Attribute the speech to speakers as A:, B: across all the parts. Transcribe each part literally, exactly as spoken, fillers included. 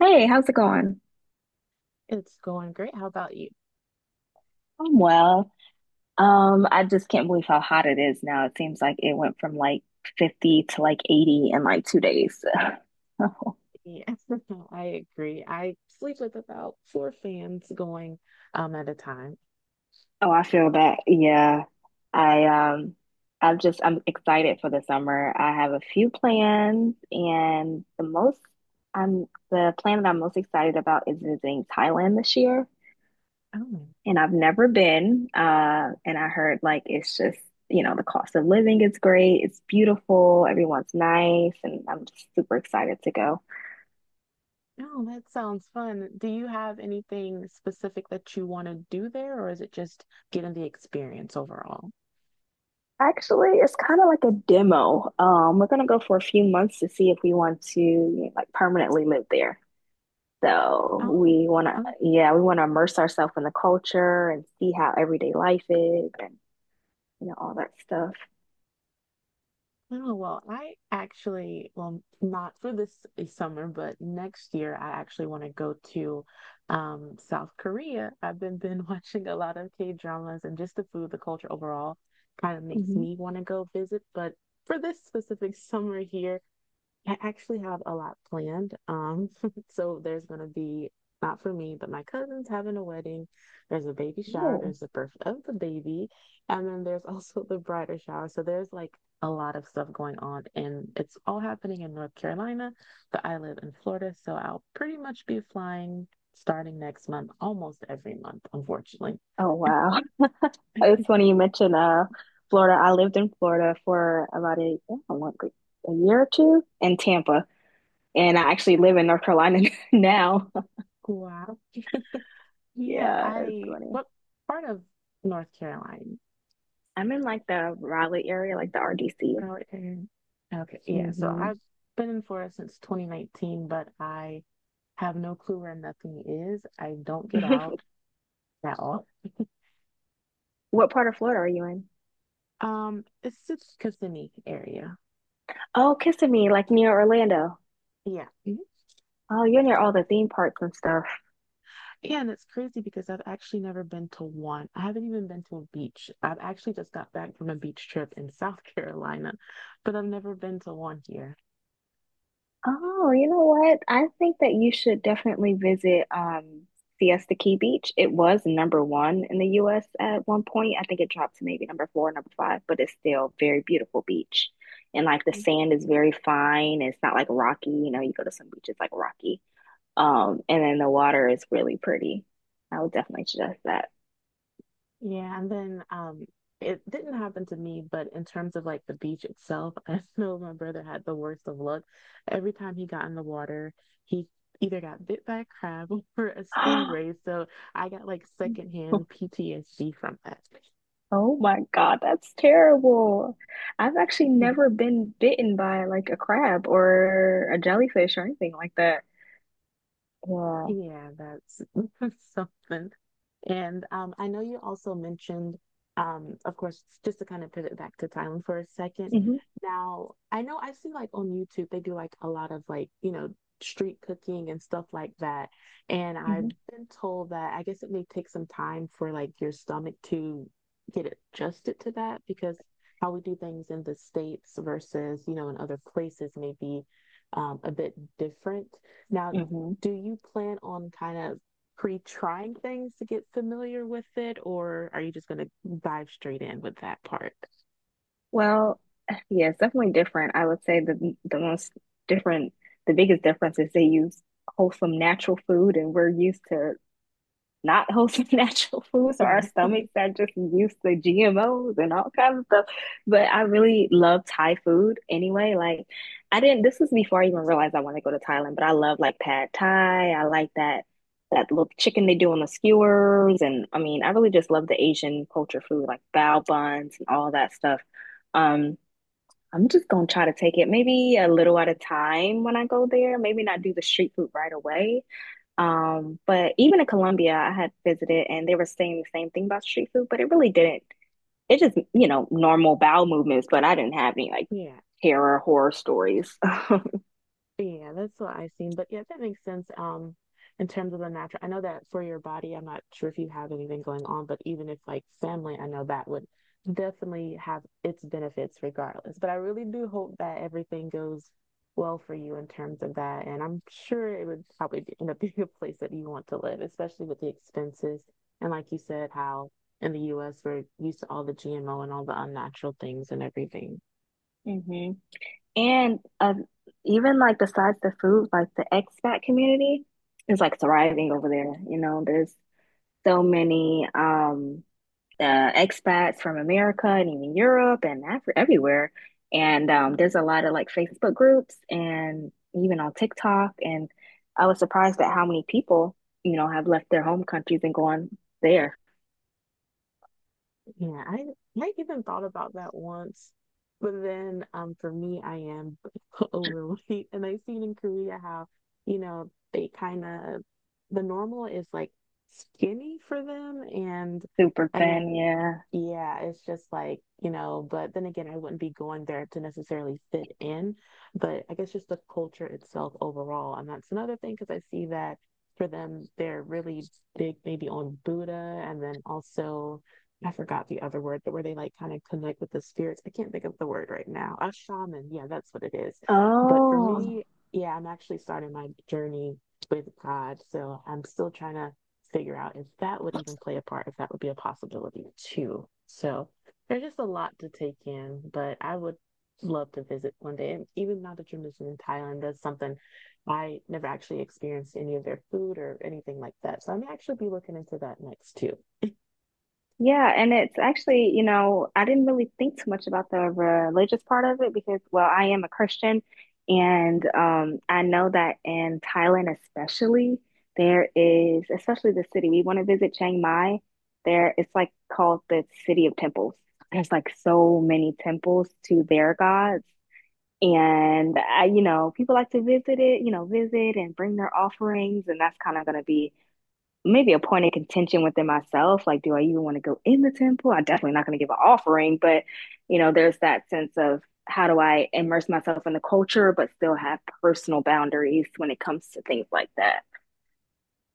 A: Hey, how's it going?
B: It's going great. How about you?
A: I'm well. Um, I just can't believe how hot it is now. It seems like it went from like fifty to like eighty in like two days. Oh,
B: Yeah, I agree. I sleep with about four fans going um at a time.
A: I feel that. Yeah. I um I'm just I'm excited for the summer. I have a few plans and the most I'm the plan that I'm most excited about is visiting Thailand this year.
B: Oh,
A: and I've never been. Uh, and I heard like it's just, you know, the cost of living is great. It's beautiful. Everyone's nice. And I'm just super excited to go.
B: no, that sounds fun. Do you have anything specific that you want to do there, or is it just getting the experience overall?
A: Actually, it's kind of like a demo. Um, we're gonna go for a few months to see if we want to like permanently live there. So we wanna,
B: Oh,
A: yeah, we wanna immerse ourselves in the culture and see how everyday life is and you know all that stuff.
B: Oh, well, I actually, well, not for this eh, summer, but next year, I actually want to go to um, South Korea. I've been been watching a lot of K-dramas and just the food, the culture overall kind of makes
A: Mhm.
B: me want to go visit. But for this specific summer here, I actually have a lot planned. Um, so there's gonna be not for me, but my cousin's having a wedding. There's a baby shower,
A: Cool.
B: there's the birth of the baby, and then there's also the bridal shower. So there's like a lot of stuff going on, and it's all happening in North Carolina, but I live in Florida, so I'll pretty much be flying starting next month, almost every month, unfortunately.
A: Oh wow. It's funny you mentioned uh Florida. I lived in Florida for about a, I don't know, like a year or two in Tampa, and I actually live in North Carolina now.
B: Wow. Yeah,
A: Yeah, it's
B: I
A: funny.
B: what part of North Carolina?
A: I'm in like the Raleigh area, like the R D C.
B: Oh, okay. Okay, yeah. So
A: Hmm.
B: I've been in Florida since twenty nineteen, but I have no clue where nothing is. I don't get out at all.
A: What part of Florida are you in?
B: Um, it's just Kissimmee area.
A: Oh, Kissimmee, like near Orlando.
B: Yeah. Mhm.
A: Oh, you're near all the theme parks and stuff.
B: Yeah, and it's crazy because I've actually never been to one. I haven't even been to a beach. I've actually just got back from a beach trip in South Carolina, but I've never been to one here.
A: Oh, you know what? I think that you should definitely visit um, Siesta Key Beach. It was number one in the U S at one point. I think it dropped to maybe number four, number five, but it's still very beautiful beach. And like the sand is very fine. It's not like rocky. You know, you go to some beaches like rocky. Um, and then the water is really pretty. I would definitely suggest
B: Yeah, and then um it didn't happen to me, but in terms of like the beach itself, I know my brother had the worst of luck. Every time he got in the water, he either got bit by a crab or a
A: that.
B: stingray. So I got like secondhand P T S D from that.
A: Oh my God, that's terrible. I've actually never been bitten by like a crab or a jellyfish or anything like that. Yeah.
B: Yeah, that's, that's something. And um, I know you also mentioned, um, of course, just to kind of pivot back to Thailand for a second.
A: Hmm.
B: Now, I know I see like on YouTube, they do like a lot of like, you know, street cooking and stuff like that. And I've
A: Hmm.
B: been told that I guess it may take some time for like your stomach to get adjusted to that because how we do things in the States versus, you know, in other places may be um, a bit different. Now,
A: Hmm.
B: do you plan on kind of pre-trying things to get familiar with it, or are you just going to dive straight in with that part?
A: Well, yeah, it's definitely different. I would say the the most different, the biggest difference is they use wholesome natural food and we're used to not wholesome natural food. So our
B: Yeah.
A: stomachs are just used to G M Os and all kinds of stuff. But I really love Thai food anyway. Like I didn't this was before I even realized I want to go to Thailand, but I love like pad Thai. I like that that little chicken they do on the skewers, and I mean I really just love the Asian culture food, like bao buns and all that stuff. Um I'm just gonna try to take it maybe a little at a time when I go there. Maybe not do the street food right away, um, but even in Colombia, I had visited and they were saying the same thing about street food, but it really didn't. It just, you know, normal bowel movements, but I didn't have any like
B: Yeah.
A: terror horror stories.
B: Yeah, that's what I've seen. But yeah, that makes sense. Um, in terms of the natural, I know that for your body, I'm not sure if you have anything going on, but even if like family, I know that would definitely have its benefits regardless. But I really do hope that everything goes well for you in terms of that. And I'm sure it would probably be, end up being a place that you want to live, especially with the expenses. And like you said, how in the U S we're used to all the G M O and all the unnatural things and everything.
A: Hmm. And uh, even like besides the food, like the expat community is like thriving over there. You know, there's so many. Um, uh, expats from America and even Europe and Afri- everywhere. And um, there's a lot of like Facebook groups and even on TikTok. And I was surprised at how many people, you know, have left their home countries and gone there.
B: Yeah, I I even thought about that once, but then um for me I am overweight and I've seen in Korea how, you know, they kind of the normal is like skinny for them and
A: Super
B: and
A: thin,
B: then
A: yeah.
B: yeah, it's just like, you know, but then again I wouldn't be going there to necessarily fit in, but I guess just the culture itself overall. And that's another thing because I see that for them they're really big maybe on Buddha and then also I forgot the other word, but where they like kind of connect with the spirits. I can't think of the word right now. A shaman, yeah, that's what it is. But for
A: Oh,
B: me, yeah, I'm actually starting my journey with God, so I'm still trying to figure out if that would even play a part, if that would be a possibility too. So there's just a lot to take in, but I would love to visit one day. And even now that you're mentioning Thailand, that's something I never actually experienced any of their food or anything like that. So I may actually be looking into that next too.
A: yeah, and it's actually, you know, I didn't really think too much about the religious part of it because, well, I am a Christian, and um, I know that in Thailand, especially, there is, especially the city we want to visit, Chiang Mai. There, it's like called the City of Temples. There's like so many temples to their gods, and I, you know, people like to visit it, you know, visit and bring their offerings, and that's kind of going to be maybe a point of contention within myself. Like, do I even want to go in the temple? I'm definitely not going to give an offering, but you know, there's that sense of how do I immerse myself in the culture, but still have personal boundaries when it comes to things like that.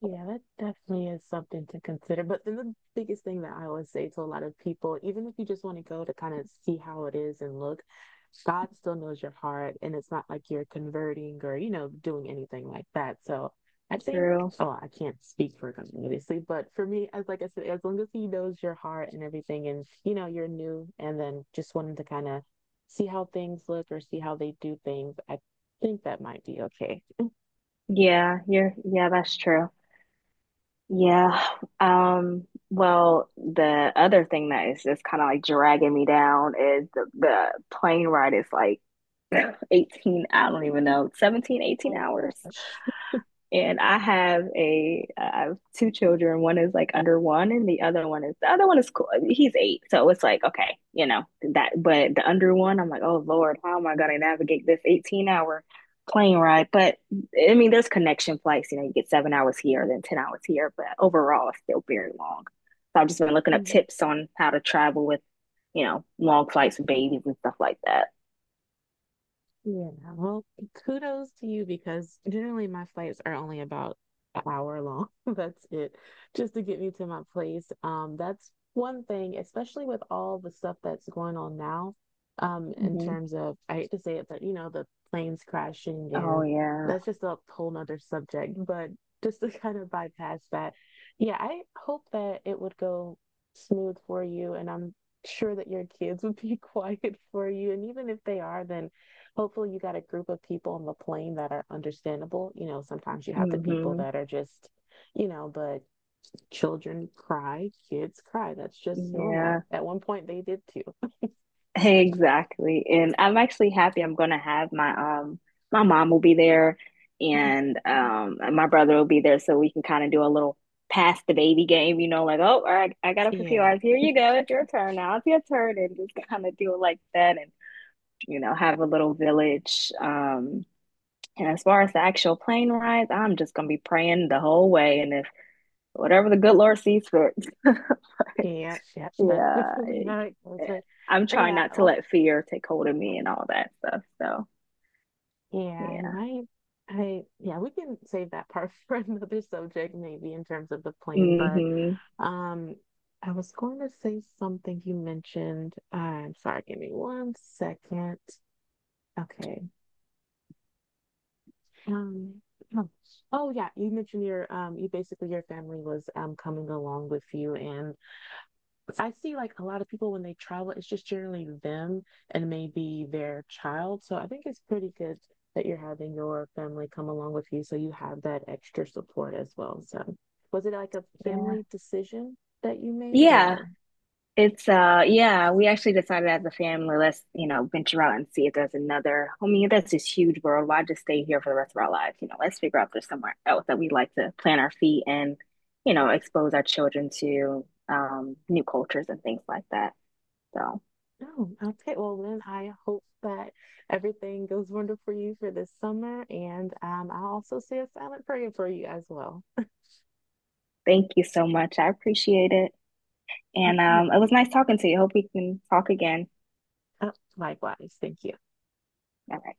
B: Yeah, that definitely is something to consider. But then the biggest thing that I always say to a lot of people, even if you just want to go to kind of see how it is and look, God still knows your heart. And it's not like you're converting or, you know, doing anything like that. So I think,
A: True.
B: oh, I can't speak for God, obviously. But for me, as like I said, as long as He knows your heart and everything, and, you know, you're new and then just wanting to kind of see how things look or see how they do things, I think that might be okay.
A: Yeah, you're, yeah, that's true. Yeah. Um, well, the other thing that is just kind of like dragging me down is the, the plane ride is like eighteen, I don't even know, seventeen, eighteen
B: Oh
A: hours.
B: gosh.
A: And I have a I have two children. One is like under one, and the other one is the other one is cool. He's eight, so it's like okay, you know that. But the under one, I'm like, oh Lord, how am I going to navigate this eighteen hour plane ride? But I mean, there's connection flights. You know, you get seven hours here, then ten hours here, but overall, it's still very long. So I've just been looking up
B: Mm.
A: tips on how to travel with, you know, long flights with babies and stuff like that.
B: Yeah, well, kudos to you because generally my flights are only about an hour long. That's it, just to get me to my place. Um, that's one thing, especially with all the stuff that's going on now, um, in
A: Hmm.
B: terms of, I hate to say it, but you know, the planes crashing
A: Oh
B: and
A: yeah.
B: that's just a whole nother subject. But just to kind of bypass that, yeah, I hope that it would go smooth for you, and I'm sure that your kids would be quiet for you. And even if they are, then hopefully you got a group of people on the plane that are understandable. You know, sometimes you have the people
A: Hmm.
B: that are just, you know, but children cry, kids cry. That's just normal.
A: Yeah.
B: At one point they did
A: Exactly. And I'm actually happy I'm gonna have my um my mom will be there
B: too.
A: and um and my brother will be there so we can kind of do a little pass the baby game, you know, like, oh, all right, I got up a few
B: Yeah.
A: hours. Here you go. It's your turn now. It's your turn, and just kind of do it like that and, you know, have a little village. Um and as far as the actual plane rides, I'm just gonna be praying the whole way and if whatever the good Lord sees fit.
B: Yeah. Yeah. That's
A: Yeah,
B: really
A: like,
B: how it goes.
A: eh,
B: But
A: I'm trying
B: yeah,
A: not to
B: oh
A: let fear take hold of me and all that stuff. So,
B: yeah, and
A: yeah.
B: I I yeah, we can save that part for another subject maybe in terms of the plane, but
A: Hmm.
B: um I was going to say something you mentioned. I'm sorry, give me one second. Okay, Um, oh oh, yeah, you mentioned your um you basically your family was um coming along with you and I see like a lot of people when they travel, it's just generally them and maybe their child. So I think it's pretty good that you're having your family come along with you so you have that extra support as well. So was it like a
A: Yeah,
B: family decision that you made
A: yeah.
B: or
A: It's uh, yeah. We actually decided as a family, let's you know venture out and see if there's another. I mean, that's this huge world. Why just stay here for the rest of our lives? You know, let's figure out if there's somewhere else that we like to plant our feet and you know expose our children to um new cultures and things like that. So.
B: no? Okay, well then I hope that everything goes wonderful for you for this summer and um I'll also say a silent prayer for you as well.
A: Thank you so much. I appreciate it. And um, it was nice talking to you. Hope we can talk again.
B: Uh, Likewise, thank you.
A: All right.